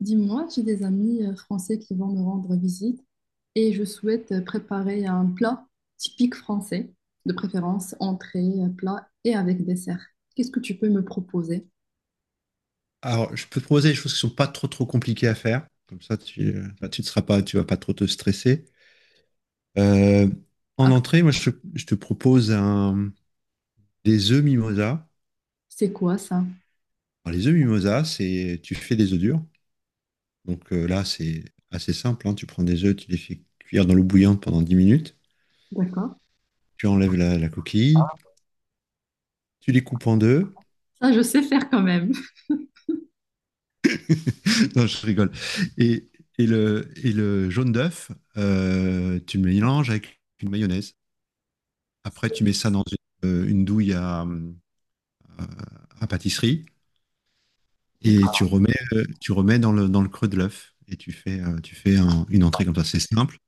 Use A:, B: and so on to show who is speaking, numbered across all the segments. A: Dis-moi, j'ai des amis français qui vont me rendre visite et je souhaite préparer un plat typique français, de préférence entrée, plat et avec dessert. Qu'est-ce que tu peux me proposer?
B: Alors, je peux te proposer des choses qui sont pas trop trop compliquées à faire. Comme ça, tu, tu ne seras pas, tu vas pas trop te stresser. Euh, En
A: Ah,
B: entrée, moi, je te propose des œufs mimosa.
A: c'est quoi ça?
B: Alors, les œufs mimosa, c'est, tu fais des œufs durs. Donc là, c'est assez simple, hein. Tu prends des œufs, tu les fais cuire dans l'eau bouillante pendant 10 minutes.
A: D'accord.
B: Tu enlèves la, la coquille, tu les coupes en deux.
A: Ça, je sais faire quand même.
B: Non, je rigole. Et, et le jaune d'œuf, tu le mélanges avec une mayonnaise. Après, tu mets ça dans une douille à pâtisserie et tu
A: D'accord.
B: remets, tu remets dans le creux de l'œuf et tu fais une entrée comme ça. C'est simple,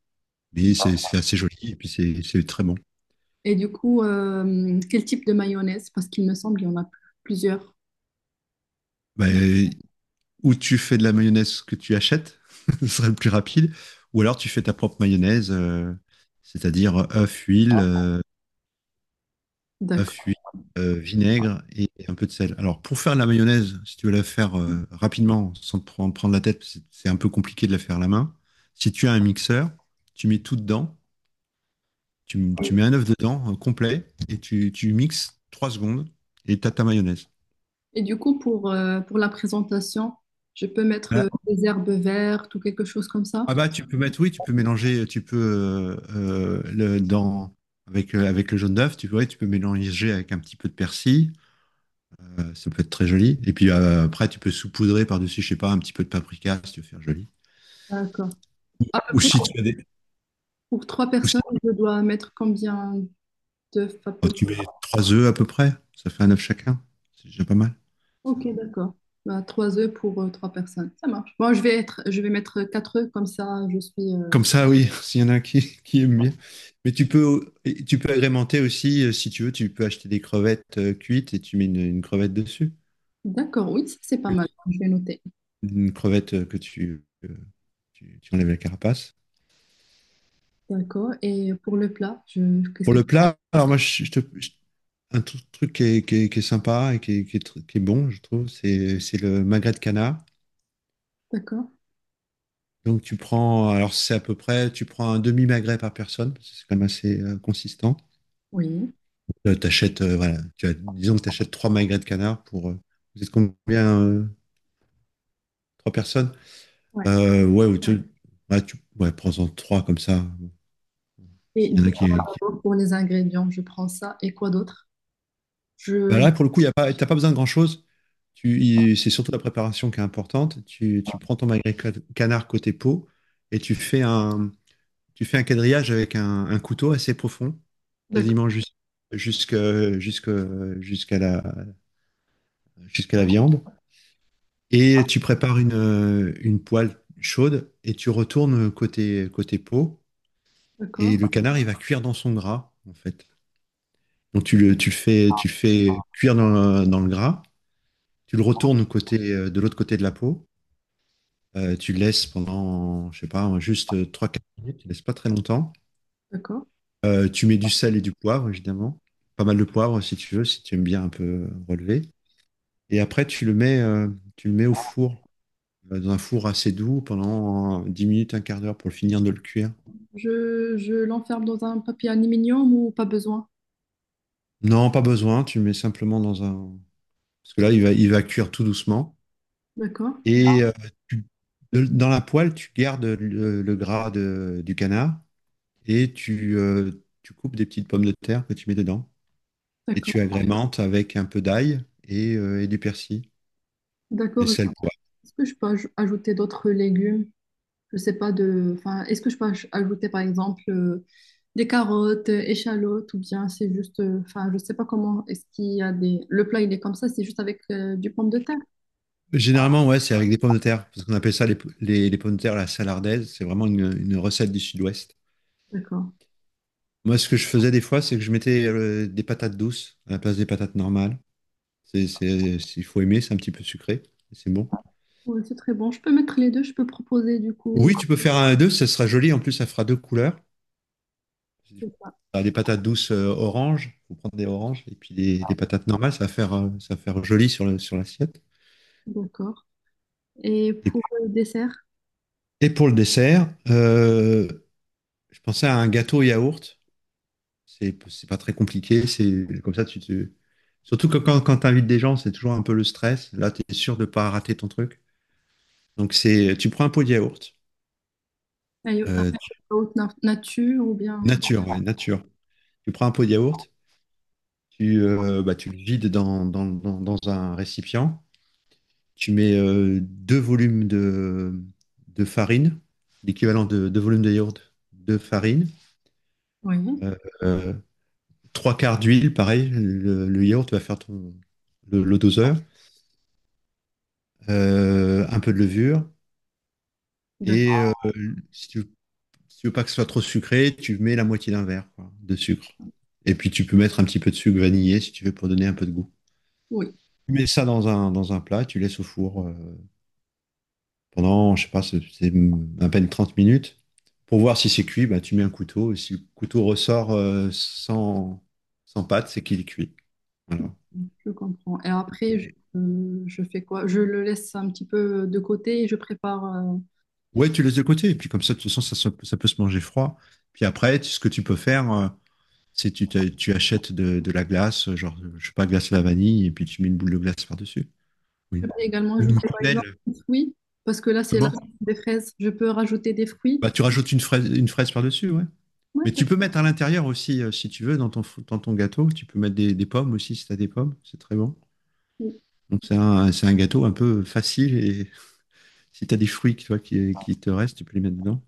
B: mais c'est assez joli et puis c'est très bon.
A: Et du coup, quel type de mayonnaise? Parce qu'il me semble qu'il y en a plusieurs.
B: Bah, ou tu fais de la mayonnaise que tu achètes, ce serait le plus rapide, ou alors tu fais ta propre mayonnaise, c'est-à-dire œuf, huile, à fuir,
A: D'accord.
B: vinaigre et un peu de sel. Alors, pour faire la mayonnaise, si tu veux la faire rapidement, sans te prendre, prendre la tête, c'est un peu compliqué de la faire à la main. Si tu as un mixeur, tu mets tout dedans, tu mets un œuf dedans, complet, et tu mixes 3 secondes, et tu as ta mayonnaise.
A: Et du coup, pour la présentation, je peux mettre
B: Voilà.
A: des herbes vertes ou quelque chose comme
B: Ah
A: ça?
B: bah, tu peux mettre, oui, tu peux mélanger, tu peux, le, dans, avec, avec le jaune d'œuf, tu, ouais, tu peux mélanger avec un petit peu de persil. Ça peut être très joli. Et puis après, tu peux saupoudrer par-dessus, je sais pas, un petit peu de paprika si tu veux faire joli.
A: D'accord. À peu
B: Ou,
A: près.
B: si tu as des.
A: Pour trois
B: Ou
A: personnes,
B: si-
A: je dois mettre combien d'œufs à
B: oh,
A: peu
B: tu
A: près?
B: mets trois œufs à peu près, ça fait un œuf chacun. C'est déjà pas mal. Ça
A: Ok,
B: va.
A: d'accord. Bah, trois œufs pour trois personnes. Ça marche. Bon, je vais mettre quatre œufs, comme ça je suis.
B: Comme ça, oui, s'il y en a qui aiment bien. Mais tu peux, et tu peux agrémenter aussi, si tu veux, tu peux acheter des crevettes cuites et tu mets une crevette dessus.
A: D'accord, oui, ça, c'est pas mal. Je vais noter.
B: Une crevette que tu, tu enlèves la carapace.
A: D'accord. Et pour le plat, je... qu'est-ce
B: Pour
A: que
B: le
A: tu.
B: plat, alors moi, je, je. Un truc qui est, qui est sympa et qui est, qui est bon, je trouve, c'est le magret de canard.
A: D'accord.
B: Donc tu prends, alors c'est à peu près, tu prends un demi-magret par personne, parce que c'est quand même assez consistant.
A: Oui.
B: T'achètes, voilà, tu as, disons que tu achètes trois magrets de canard pour, vous êtes combien, trois personnes?
A: Ouais.
B: Ouais, ou tu, ouais, ouais, prends-en trois comme ça.
A: Et
B: S'il y en a qui,
A: d'abord, pour les ingrédients, je prends ça. Et quoi d'autre?
B: Bah
A: Je...
B: là, pour le coup, y a pas, t'as pas besoin de grand-chose. Tu, c'est surtout la préparation qui est importante. Tu prends ton magret canard côté peau et tu fais un. Tu fais un quadrillage avec un couteau assez profond,
A: D'accord,
B: quasiment jusque- jusque- jusqu'à la, jusqu'à la viande. Et tu prépares une poêle chaude et tu retournes côté, côté peau. Et
A: d'accord,
B: le canard, il va cuire dans son gras, en fait. Donc tu le fais cuire dans, dans le gras. Tu le retournes côté, de l'autre côté de la peau. Tu le laisses pendant, je sais pas, juste trois 4 minutes. Tu le laisses pas très longtemps.
A: d'accord.
B: Tu mets du sel et du poivre, évidemment. Pas mal de poivre si tu veux, si tu aimes bien un peu relever. Et après, tu le mets au four, dans un four assez doux pendant 10 minutes, un quart d'heure pour finir de le cuire.
A: Je l'enferme dans un papier aluminium ou pas besoin?
B: Non, pas besoin, tu le mets simplement dans un... Parce que là, il va cuire tout doucement.
A: D'accord,
B: Et tu- dans la poêle, tu gardes le gras du canard et tu, tu coupes des petites pommes de terre que tu mets dedans. Et
A: d'accord,
B: tu agrémentes avec un peu d'ail et du persil. Et
A: d'accord.
B: sel.
A: Est-ce que je peux ajouter d'autres légumes? Je sais pas de, enfin, est-ce que je peux ajouter par exemple des carottes, échalotes ou bien c'est juste, enfin, je sais pas comment. Est-ce qu'il y a des, Le plat il est comme ça, c'est juste avec du pomme de terre.
B: Généralement, ouais, c'est avec des pommes de terre, parce qu'on appelle ça les, les pommes de terre à la salardaise. C'est vraiment une recette du sud-ouest.
A: D'accord.
B: Moi, ce que je faisais des fois, c'est que je mettais des patates douces à la place des patates normales. Il faut aimer, c'est un petit peu sucré, mais c'est bon.
A: Oui, c'est très bon. Je peux mettre les deux. Je peux proposer du coup.
B: Oui, tu peux faire un à deux, ça sera joli. En plus, ça fera deux couleurs.
A: C'est ça.
B: T'as des patates douces orange, faut prendre des oranges, et puis des patates normales, ça va faire joli sur sur l'assiette.
A: D'accord. Et
B: Et,
A: pour le dessert,
B: et pour le dessert, je pensais à un gâteau yaourt. C'est pas très compliqué. C'est comme ça, tu te... Surtout que quand, quand tu invites des gens, c'est toujours un peu le stress. Là, tu es sûr de pas rater ton truc. Donc, c'est, tu prends un pot de yaourt.
A: ah,
B: euh, tu-
A: nature ou bien.
B: Nature, ouais, nature. Tu prends un pot de yaourt, tu, bah, tu le vides dans, dans un récipient. Tu mets deux volumes de farine, l'équivalent de deux volumes de yaourt de farine.
A: Oui.
B: Euh, euh, Trois quarts d'huile, pareil. Le yaourt va faire ton, le doseur. Un peu de levure, et
A: D'accord.
B: si tu, si tu veux pas que ce soit trop sucré, tu mets la moitié d'un verre quoi, de sucre. Et puis tu peux mettre un petit peu de sucre vanillé si tu veux pour donner un peu de goût.
A: Oui.
B: Tu mets ça dans un plat, tu laisses au four pendant, je sais pas, c'est à peine 30 minutes. Pour voir si c'est cuit, bah, tu mets un couteau. Et si le couteau ressort sans, sans pâte, c'est qu'il est cuit. Voilà.
A: Je comprends. Et après, je,
B: Et-
A: euh, je fais quoi? Je le laisse un petit peu de côté et je prépare.
B: Ouais, tu laisses de côté. Et puis comme ça, de toute façon, ça, ça peut se manger froid. Puis après, ce que tu peux faire, c'est tu, tu achètes de la glace, genre, je sais pas, glace à la vanille, et puis tu mets une boule de glace par-dessus.
A: Je
B: Oui.
A: peux également
B: Ou une
A: ajouter par exemple
B: quenelle.
A: des fruits, parce que là c'est la
B: Comment?
A: saison des fraises. Je peux rajouter des fruits.
B: Bah, tu rajoutes une fraise par-dessus, ouais.
A: Ouais,
B: Mais tu peux mettre à l'intérieur aussi, si tu veux, dans ton, dans ton gâteau. Tu peux mettre des pommes aussi, si tu as des pommes. C'est très bon.
A: oui.
B: Donc, c'est un gâteau un peu facile. Et si tu as des fruits toi, qui te restent, tu peux les mettre dedans.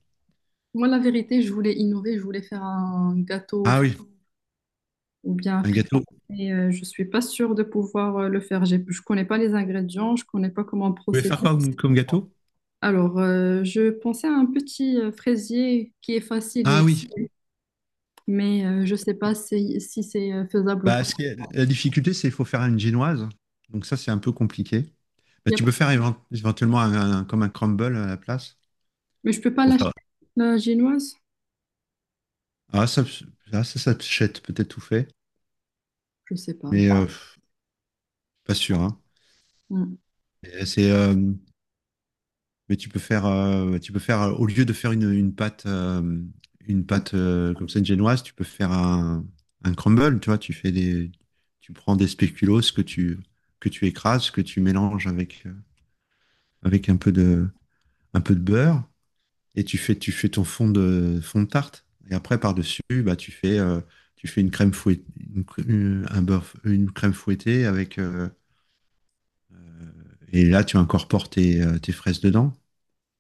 A: Moi la vérité, je voulais innover, je voulais faire un gâteau
B: Ah oui,
A: ou bien un
B: un
A: frit,
B: gâteau. Vous
A: mais je suis pas sûre de pouvoir le faire. Je connais pas les ingrédients, je connais pas comment
B: pouvez
A: procéder.
B: faire quoi comme, comme gâteau?
A: Alors je pensais à un petit fraisier qui est facile,
B: Ah oui.
A: mais je sais pas si c'est faisable ou
B: Bah,
A: pas.
B: ce qui la difficulté, c'est qu'il faut faire une génoise. Donc, ça, c'est un peu compliqué. Mais
A: y a-
B: tu peux faire éventuellement un, comme un crumble à la place
A: Mais je peux pas
B: pour
A: l'acheter.
B: faire.
A: La génoise?
B: Ah, ça, ah, ça, ça t'achète peut-être tout fait,
A: Je sais pas.
B: mais pas sûr, hein.
A: Hmm.
B: Et C'est, euh, mais tu peux faire, au lieu de faire une, une pâte comme ça une génoise, tu peux faire un crumble. Tu vois, tu fais des, tu prends des spéculoos que tu écrases, que tu mélanges avec avec un peu de beurre et tu fais ton fond de tarte. Et après, par-dessus, bah, tu fais une crème fouettée, une, cr- un beurre, une crème fouettée avec. Et là, tu incorpores tes, tes fraises dedans.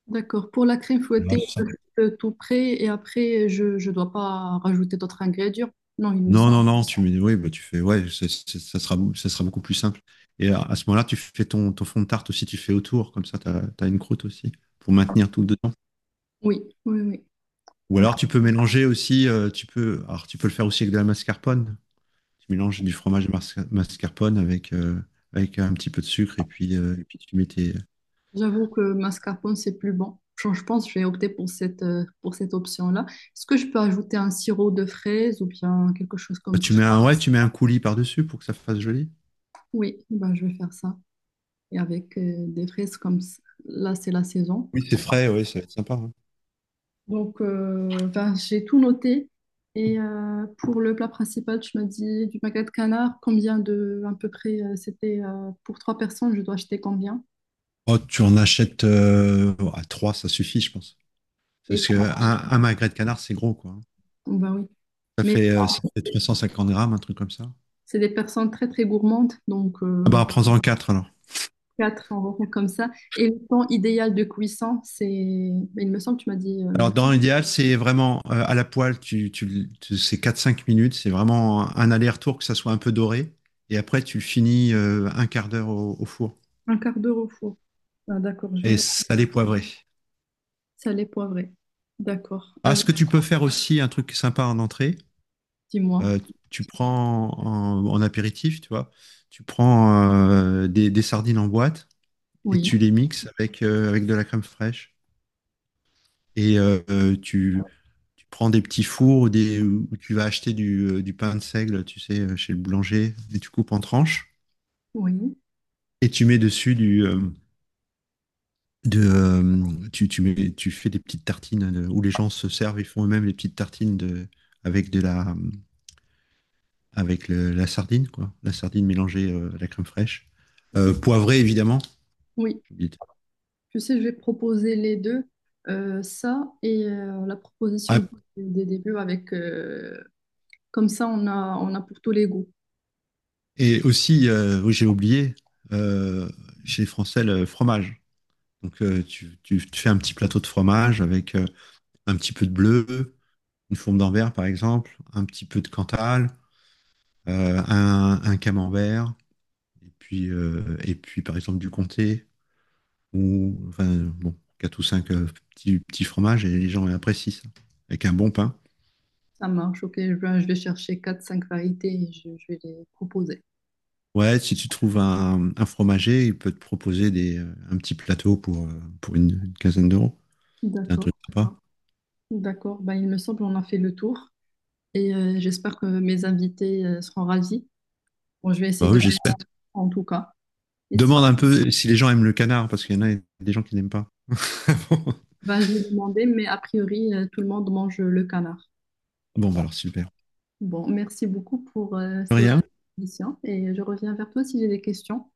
A: D'accord. Pour la crème fouettée,
B: Ouais, c'est ça.
A: je fais tout prêt et après, je ne dois pas rajouter d'autres ingrédients. Non, il me
B: Non,
A: semble.
B: non, non, tu mets, oui, bah, tu fais, ouais, ça, ça sera, ça sera beaucoup plus simple. Et à ce moment-là, tu fais ton, ton fond de tarte aussi, tu fais autour, comme ça, tu as, une croûte aussi, pour maintenir tout dedans.
A: Oui, oui, oui.
B: Ou
A: Voilà.
B: alors, tu peux mélanger aussi, tu peux, alors, tu peux le faire aussi avec de la mascarpone, tu mélanges du fromage mascarpone avec, avec un petit peu de sucre et puis tu mets tes...
A: J'avoue que mascarpone, c'est plus bon. Je pense que je vais opter pour cette option-là. Est-ce que je peux ajouter un sirop de fraises ou bien quelque chose
B: Bah,
A: comme ça?
B: tu mets un, ouais, tu mets un coulis par-dessus pour que ça fasse joli.
A: Oui, ben, je vais faire ça. Et avec des fraises comme ça, là, c'est la saison.
B: Oui, c'est frais, ouais, ça va être sympa, hein.
A: Donc, ben, j'ai tout noté. Et pour le plat principal, tu m'as dit du magret de canard. À peu près, c'était pour trois personnes, je dois acheter combien?
B: Oh, tu en achètes à 3 ça suffit, je pense.
A: Et
B: Parce que un magret de canard, c'est gros, quoi, hein.
A: ben oui.
B: Ça
A: Mais
B: fait, 350 grammes, un truc comme ça.
A: c'est des personnes très très gourmandes, donc
B: Ah bah, prends-en quatre alors.
A: quatre en repas comme ça. Et le temps idéal de cuisson, c'est, ben, il me semble, que tu m'as dit
B: Alors, dans l'idéal, c'est vraiment à la poêle, tu, c'est quatre cinq minutes, c'est vraiment un aller-retour, que ça soit un peu doré. Et après, tu le finis un quart d'heure au, au four.
A: un quart d'heure au four. Ah, d'accord, je vais
B: Et
A: noter
B: salé poivré.
A: salé poivré. D'accord.
B: Ah, ce
A: Avec,
B: que tu peux faire aussi, un truc sympa en entrée,
A: dis-moi.
B: euh, tu prends en, en apéritif, tu vois, tu prends des sardines en boîte et
A: Oui,
B: tu les mixes avec, avec de la crème fraîche. Et tu, tu prends des petits fours ou des, où tu vas acheter du pain de seigle, tu sais, chez le boulanger, et tu coupes en tranches
A: oui.
B: et tu mets dessus du, mets, tu fais des petites tartines de- où les gens se servent et font eux-mêmes les petites tartines de, avec de la, avec la sardine, quoi. La sardine mélangée à la crème fraîche. Poivrée, évidemment.
A: Oui.
B: J'ai oublié de-
A: Tu sais, je vais proposer les deux, ça et la proposition
B: Ah,
A: des débuts avec comme ça on a pour tous les goûts.
B: et aussi, oui, j'ai oublié, euh, chez les Français, le fromage. Donc, tu, tu fais un petit plateau de fromage avec un petit peu de bleu, une fourme d'envers, par exemple, un petit peu de cantal, un camembert, et puis, par exemple, du comté, ou enfin, bon, 4 ou 5 petits fromages, et les gens apprécient ça. Avec un bon pain.
A: Ça marche, ok. Je vais chercher quatre cinq variétés et je vais les proposer.
B: Ouais, si tu trouves un fromager, il peut te proposer des, un petit plateau pour une quinzaine d'euros. C'est un
A: D'accord,
B: truc sympa.
A: d'accord. Ben, il me semble qu'on a fait le tour et j'espère que mes invités seront ravis. Bon, je vais essayer
B: Bah
A: de
B: oui,
A: faire
B: j'espère.
A: en tout cas. Et si,
B: Demande un peu si les gens aiment le canard, parce qu'il y en a des gens qui n'aiment pas.
A: ben, je vais demander, mais a priori, tout le monde mange le canard.
B: Bon, bah alors super.
A: Bon, merci beaucoup pour ces
B: Rien,
A: questions et je reviens vers toi si j'ai des questions.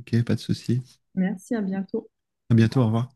B: ok, pas de souci.
A: Merci, à bientôt.
B: À bientôt, au revoir.